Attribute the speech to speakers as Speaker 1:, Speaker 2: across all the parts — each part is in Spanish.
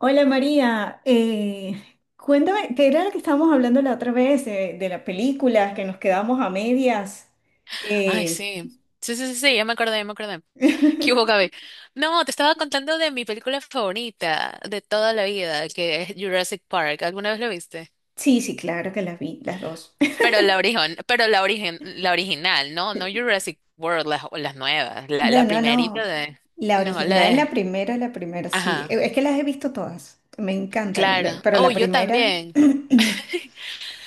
Speaker 1: Hola María, cuéntame, ¿qué era lo que estábamos hablando la otra vez de las películas que nos quedamos a medias?
Speaker 2: Ay,
Speaker 1: Eh,
Speaker 2: sí. Sí, sí, sí, sí, ya me acordé, ya me acordé. ¿Qué hubo, Gaby? No, te estaba contando de mi película favorita de toda la vida, que es Jurassic Park. ¿Alguna vez lo viste?
Speaker 1: sí, sí, claro que las vi, las dos.
Speaker 2: Pero la origen, la original, ¿no? No Jurassic World, las nuevas. La,
Speaker 1: No,
Speaker 2: la
Speaker 1: no,
Speaker 2: primerita
Speaker 1: no,
Speaker 2: de.
Speaker 1: la
Speaker 2: No, la
Speaker 1: original,
Speaker 2: de.
Speaker 1: la primera, sí.
Speaker 2: Ajá,
Speaker 1: Es que las he visto todas, me encantan,
Speaker 2: claro.
Speaker 1: pero
Speaker 2: Oh,
Speaker 1: la
Speaker 2: yo
Speaker 1: primera...
Speaker 2: también.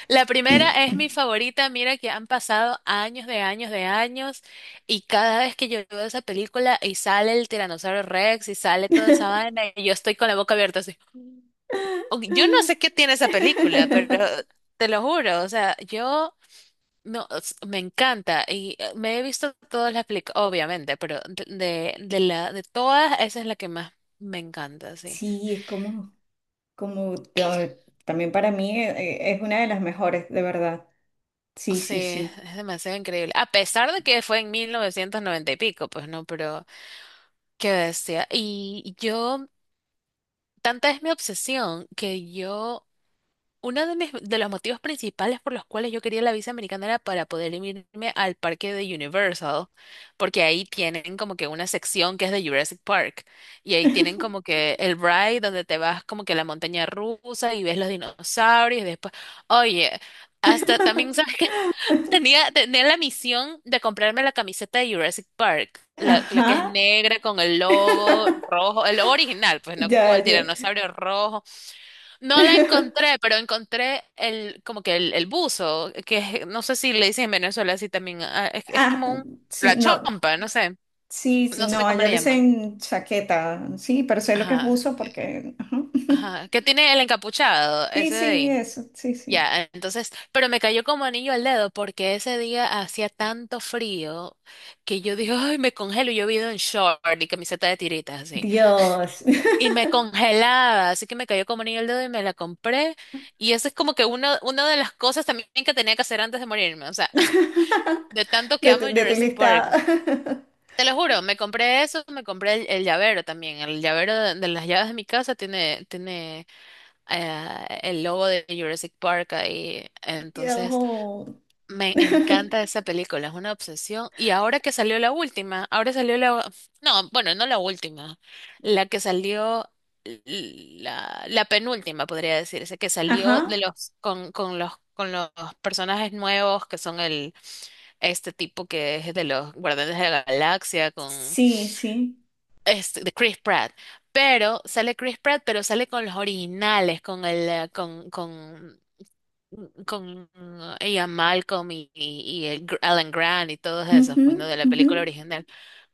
Speaker 2: La primera es mi favorita, mira que han pasado años de años de años, y cada vez que yo veo esa película y sale el Tiranosaurio Rex y sale toda esa vaina y yo estoy con la boca abierta así. Yo no sé qué tiene esa película, pero te lo juro, o sea, yo no s- me encanta y me he visto todas las películas, obviamente, pero de la de todas esa es la que más me encanta, sí.
Speaker 1: Sí, es como, como también para mí es una de las mejores, de verdad. Sí, sí,
Speaker 2: Sí,
Speaker 1: sí.
Speaker 2: es demasiado increíble. A pesar de que fue en 1990 y pico, pues no, pero qué bestia. Y yo, tanta es mi obsesión que yo uno de mis, de los motivos principales por los cuales yo quería la visa americana era para poder irme al parque de Universal, porque ahí tienen como que una sección que es de Jurassic Park, y ahí tienen como que el ride donde te vas como que a la montaña rusa y ves los dinosaurios, y después, oye, hasta también, ¿sabes qué? Tenía, tenía la misión de comprarme la camiseta de Jurassic Park, la que es
Speaker 1: Ajá.
Speaker 2: negra con el logo rojo, el logo original, pues no con
Speaker 1: Ya,
Speaker 2: el
Speaker 1: ya.
Speaker 2: tiranosaurio rojo. No la encontré, pero encontré el, como que el buzo, no sé si le dicen en Venezuela así también, ah, es
Speaker 1: Ah,
Speaker 2: como un,
Speaker 1: sí,
Speaker 2: la
Speaker 1: no.
Speaker 2: chompa, no sé,
Speaker 1: Sí, sí,
Speaker 2: no sé
Speaker 1: no,
Speaker 2: cómo
Speaker 1: allá
Speaker 2: le
Speaker 1: le
Speaker 2: llaman.
Speaker 1: dicen chaqueta. Sí, pero sé lo que es
Speaker 2: Ajá,
Speaker 1: buzo porque, ajá.
Speaker 2: ajá, que tiene el encapuchado,
Speaker 1: Sí,
Speaker 2: ese de
Speaker 1: sí,
Speaker 2: ahí.
Speaker 1: eso. Sí, sí.
Speaker 2: Ya, entonces, pero me cayó como anillo al dedo porque ese día hacía tanto frío que yo dije, ay, me congelo, y yo vivo en short y camiseta de tiritas así.
Speaker 1: Dios.
Speaker 2: Y me congelaba, así que me cayó como anillo el dedo y me la compré. Y eso es como que una de las cosas también que tenía que hacer antes de morirme. O sea, de tanto que amo
Speaker 1: De tu
Speaker 2: Jurassic Park.
Speaker 1: lista.
Speaker 2: Te lo juro, me compré eso, me compré el llavero también. El llavero de las llaves de mi casa tiene, tiene el logo de Jurassic Park ahí. Entonces,
Speaker 1: Yo-
Speaker 2: me encanta esa película, es una obsesión. Y ahora que salió la última, ahora salió la... No, bueno, no la última, la que salió, l- la, la penúltima, podría decirse, que salió de
Speaker 1: Ajá.
Speaker 2: los, con los personajes nuevos, que son el, este tipo que es de los Guardianes de la Galaxia, con
Speaker 1: Sí, sí.
Speaker 2: este, de Chris Pratt. Pero sale Chris Pratt, pero sale con los originales, con el, con ella Malcolm y Alan Grant y todos esos,
Speaker 1: Ujú,
Speaker 2: pues no, de la
Speaker 1: ujú.
Speaker 2: película original.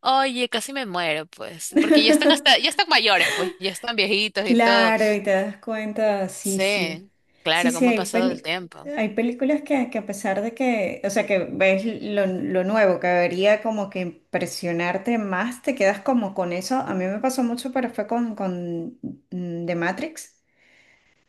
Speaker 2: Oye, casi me muero, pues, porque ya están hasta, ya están mayores, pues, ya están viejitos y todo.
Speaker 1: Claro, y te das cuenta, sí, sí.
Speaker 2: Sí,
Speaker 1: Sí,
Speaker 2: claro,
Speaker 1: sí,
Speaker 2: cómo ha pasado el tiempo.
Speaker 1: hay películas que a pesar de que, o sea, que ves lo nuevo, que debería como que impresionarte más, te quedas como con eso. A mí me pasó mucho, pero fue con The Matrix.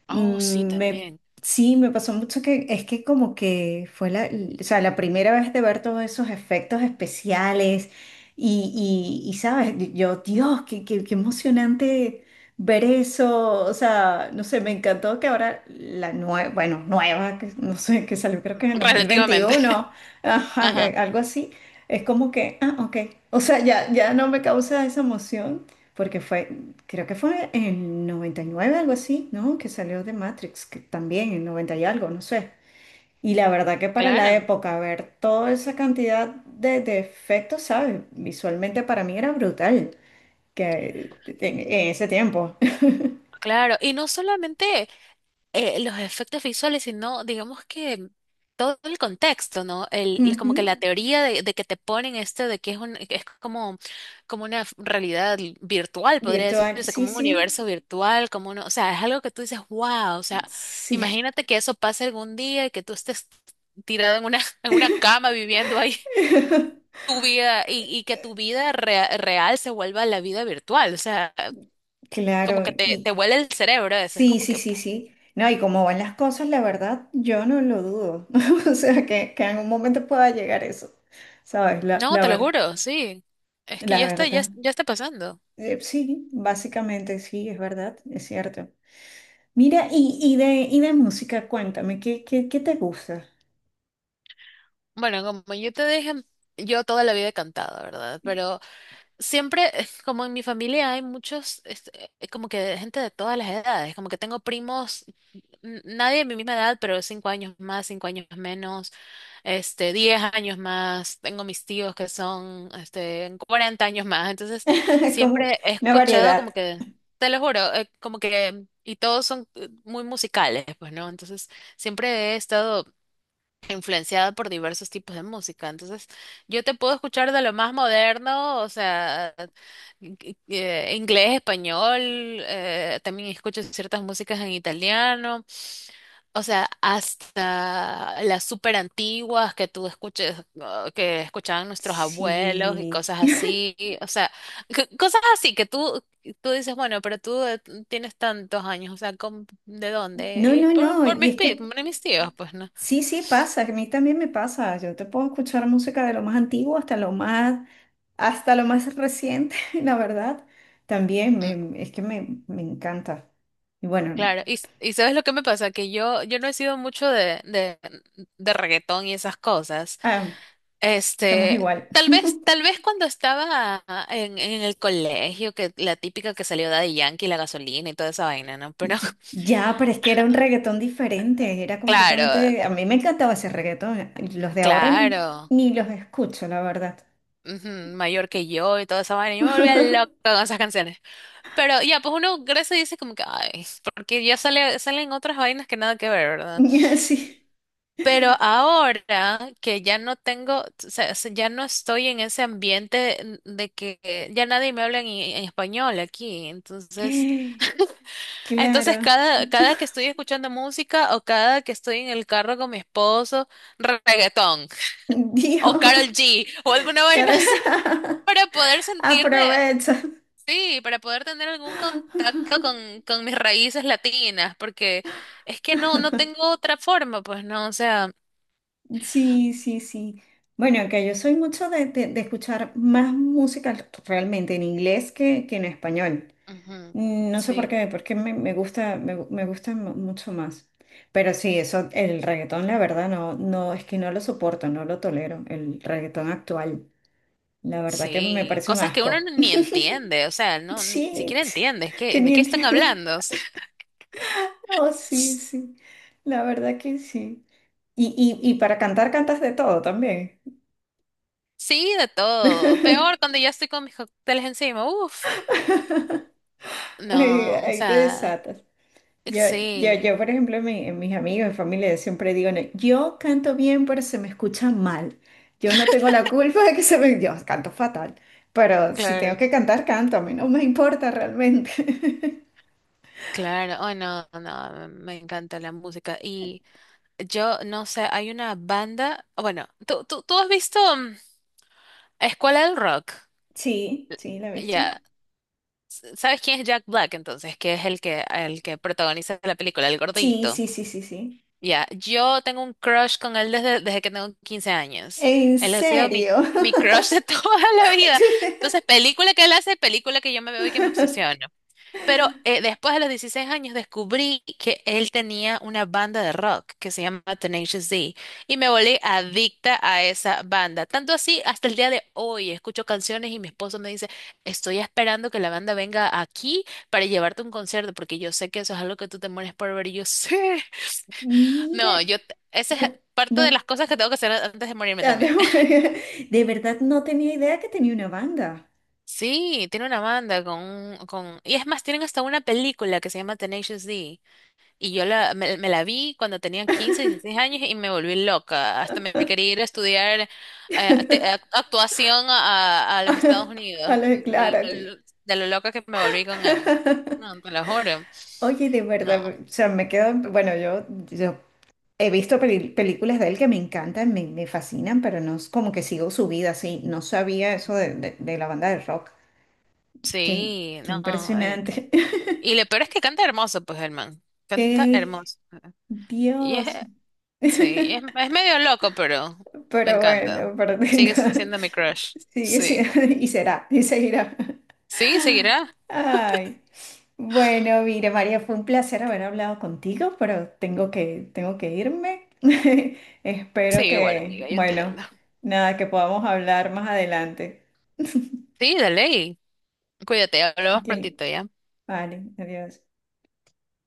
Speaker 2: Oh, sí,
Speaker 1: Mm, Me,
Speaker 2: también.
Speaker 1: sí, me pasó mucho que es que como que fue la, o sea, la primera vez de ver todos esos efectos especiales y sabes, yo, Dios, qué emocionante ver eso, o sea, no sé, me encantó que ahora la nueva, bueno, nueva, que no sé, que salió creo que en el dos mil
Speaker 2: Relativamente.
Speaker 1: veintiuno ajá,
Speaker 2: Ajá,
Speaker 1: algo así, es como que, ah, ok, o sea, ya, ya no me causa esa emoción porque fue... Creo que fue en 99, algo así, ¿no? Que salió de Matrix, que también en 90 y algo, no sé. Y la verdad que para la
Speaker 2: claro,
Speaker 1: época, ver toda esa cantidad de efectos, ¿sabes? Visualmente para mí era brutal, que en ese tiempo.
Speaker 2: claro. Y no solamente los efectos visuales, sino digamos que todo el contexto, ¿no? Como que
Speaker 1: Ujú.
Speaker 2: la teoría de que te ponen esto de que es un, es como, como una realidad virtual, podría
Speaker 1: Virtual,
Speaker 2: decirse,
Speaker 1: sí,
Speaker 2: como un
Speaker 1: sí,
Speaker 2: universo virtual, como uno, o sea, es algo que tú dices, wow, o sea,
Speaker 1: sí.
Speaker 2: imagínate que eso pase algún día y que tú estés tirado en una, en una cama viviendo ahí tu vida y que tu vida real se vuelva la vida virtual, o sea, como que
Speaker 1: Claro,
Speaker 2: te
Speaker 1: y
Speaker 2: vuela el cerebro, eso es
Speaker 1: sí,
Speaker 2: como
Speaker 1: sí,
Speaker 2: que
Speaker 1: sí, sí. No, y como van las cosas, la verdad, yo no lo dudo. O sea, que en un momento pueda llegar eso, ¿sabes? La,
Speaker 2: no,
Speaker 1: la
Speaker 2: te lo
Speaker 1: verdad.
Speaker 2: juro, sí. Es que
Speaker 1: La
Speaker 2: ya está, ya,
Speaker 1: verdad,
Speaker 2: ya está pasando.
Speaker 1: sí, básicamente sí, es verdad, es cierto. Mira, y de música, cuéntame, ¿qué, qué, qué te gusta?
Speaker 2: Bueno, como yo te dije, yo toda la vida he cantado, ¿verdad? Pero siempre, como en mi familia hay muchos, este, como que de gente de todas las edades, como que tengo primos nadie de mi misma edad, pero 5 años más, 5 años menos, este, 10 años más. Tengo mis tíos que son, este, 40 años más. Entonces,
Speaker 1: Como
Speaker 2: siempre he
Speaker 1: una
Speaker 2: escuchado
Speaker 1: variedad.
Speaker 2: como que, te lo juro, como que, y todos son muy musicales, pues, ¿no? Entonces, siempre he estado influenciada por diversos tipos de música. Entonces, yo te puedo escuchar de lo más moderno, o sea, inglés, español, también escucho ciertas músicas en italiano. O sea, hasta las súper antiguas que tú escuches, que escuchaban nuestros abuelos y
Speaker 1: Sí.
Speaker 2: cosas así, o sea, cosas así que tú dices, bueno, pero tú tienes tantos años, o sea, ¿cómo- ¿de dónde?
Speaker 1: No,
Speaker 2: Y es
Speaker 1: no, no,
Speaker 2: por
Speaker 1: y
Speaker 2: mis,
Speaker 1: es que
Speaker 2: por mis tíos, pues, ¿no?
Speaker 1: sí, sí pasa, que a mí también me pasa. Yo te puedo escuchar música de lo más antiguo hasta lo más reciente, la verdad. También
Speaker 2: Mm,
Speaker 1: me, es que me encanta. Y bueno,
Speaker 2: claro, y, y ¿sabes lo que me pasa? Que yo no he sido mucho de reggaetón y esas cosas.
Speaker 1: ah, estamos
Speaker 2: Este,
Speaker 1: igual.
Speaker 2: tal vez cuando estaba en el colegio, que la típica que salió de Yankee, la gasolina y toda esa vaina, ¿no? Pero
Speaker 1: Ya, pero es que era un reggaetón diferente, era
Speaker 2: claro,
Speaker 1: completamente... A mí me encantaba ese reggaetón, los de ahora
Speaker 2: claro,
Speaker 1: ni los escucho, la verdad.
Speaker 2: ujú, mayor que yo y toda esa vaina, yo me volvía loca con esas canciones. Pero ya, pues uno crece y dice como que, ay, porque ya sale, salen otras vainas que nada que ver, ¿verdad?
Speaker 1: Sí,
Speaker 2: Pero ahora que ya no tengo, o sea, ya no estoy en ese ambiente de que ya nadie me habla en español aquí, entonces... Entonces,
Speaker 1: claro.
Speaker 2: cada, cada que estoy escuchando música o cada que estoy en el carro con mi esposo, reggaetón o
Speaker 1: Dios,
Speaker 2: Carol G o alguna vaina
Speaker 1: cara,
Speaker 2: así, para poder sentirme,
Speaker 1: aprovecha.
Speaker 2: sí, para poder tener algún contacto con mis raíces latinas, porque es que no, no tengo otra forma, pues no, o sea,
Speaker 1: Sí, sí, sí. Bueno, que yo soy mucho de, de escuchar más música realmente en inglés que en español.
Speaker 2: ujú,
Speaker 1: No sé por
Speaker 2: sí.
Speaker 1: qué, porque me gusta, me gusta mucho más. Pero sí, eso, el reggaetón, la verdad, no, no, es que no lo soporto, no lo tolero, el reggaetón actual. La verdad que me
Speaker 2: Sí,
Speaker 1: parece un
Speaker 2: cosas que uno
Speaker 1: asco.
Speaker 2: ni entiende, o sea, no, ni siquiera
Speaker 1: Shit,
Speaker 2: entiende, es
Speaker 1: que
Speaker 2: que, ¿de
Speaker 1: ni
Speaker 2: qué están
Speaker 1: entiendo.
Speaker 2: hablando? O
Speaker 1: Oh, sí,
Speaker 2: sea,
Speaker 1: sí, la verdad que sí. Y para cantar cantas de todo también.
Speaker 2: sí, de todo. Peor cuando ya estoy con mis cócteles encima. Uf.
Speaker 1: Ahí,
Speaker 2: No, o
Speaker 1: ahí te
Speaker 2: sea,
Speaker 1: desatas. Yo,
Speaker 2: sí,
Speaker 1: yo, por ejemplo, en mis amigos, mi familia, yo siempre digo, "No, yo canto bien, pero se me escucha mal. Yo no tengo la culpa de que se me... Yo canto fatal, pero si tengo
Speaker 2: claro,
Speaker 1: que cantar, canto. A mí no me importa realmente."
Speaker 2: claro. Oh, no, no, me encanta la música. Y yo, no sé, hay una banda. Bueno, tú has visto Escuela del Rock.
Speaker 1: Sí, sí, ¿la he visto?
Speaker 2: Ya. ¿Sabes quién es Jack Black entonces? Que es el que protagoniza la película, el
Speaker 1: Sí,
Speaker 2: gordito.
Speaker 1: sí, sí, sí, sí.
Speaker 2: Ya, yo tengo un crush con él desde, desde que tengo 15 años.
Speaker 1: ¿En
Speaker 2: Él ha sido mi,
Speaker 1: serio?
Speaker 2: mi crush de toda la vida. Entonces, película que él hace, película que yo me veo y que me obsesiono. Pero después de los 16 años descubrí que él tenía una banda de rock que se llama Tenacious D y me volví adicta a esa banda. Tanto así, hasta el día de hoy escucho canciones y mi esposo me dice, estoy esperando que la banda venga aquí para llevarte a un concierto porque yo sé que eso es algo que tú te mueres por ver y yo sí.
Speaker 1: Mira,
Speaker 2: No, yo, esa es
Speaker 1: no,
Speaker 2: parte de
Speaker 1: no,
Speaker 2: las cosas que tengo que hacer antes de morirme
Speaker 1: ah, de
Speaker 2: también.
Speaker 1: de verdad no tenía idea que tenía una banda.
Speaker 2: Sí, tiene una banda con, con... Y es más, tienen hasta una película que se llama Tenacious D. Y yo la, me la vi cuando tenía 15 16 años y me volví loca. Hasta me quería ir a estudiar actuación a los Estados Unidos.
Speaker 1: Claro, claro.
Speaker 2: De lo loca que me volví con él. No, te lo juro.
Speaker 1: Oye, de verdad,
Speaker 2: No,
Speaker 1: o sea, me quedo, bueno, yo he visto películas de él que me encantan, me fascinan, pero no es como que sigo su vida así. No sabía eso de, de la banda de rock. Qué,
Speaker 2: sí,
Speaker 1: qué
Speaker 2: no. eh, c-
Speaker 1: impresionante.
Speaker 2: Y lo peor es que canta hermoso, pues, el man. Canta
Speaker 1: Eh,
Speaker 2: hermoso. Y es,
Speaker 1: Dios.
Speaker 2: sí, es medio loco, pero me
Speaker 1: Pero
Speaker 2: encanta.
Speaker 1: bueno, pero tenga,
Speaker 2: Sigue siendo mi crush.
Speaker 1: sigue
Speaker 2: Sí.
Speaker 1: siendo, y será, y seguirá.
Speaker 2: Sí, seguirá.
Speaker 1: Ay, bueno, mira, María, fue un placer haber hablado contigo, pero tengo que irme.
Speaker 2: Sí,
Speaker 1: Espero
Speaker 2: igual,
Speaker 1: que,
Speaker 2: amiga, yo
Speaker 1: bueno,
Speaker 2: entiendo.
Speaker 1: nada, que podamos hablar más adelante.
Speaker 2: Sí, dale. Y cuídate, hablamos
Speaker 1: Ok,
Speaker 2: prontito ya.
Speaker 1: vale, adiós.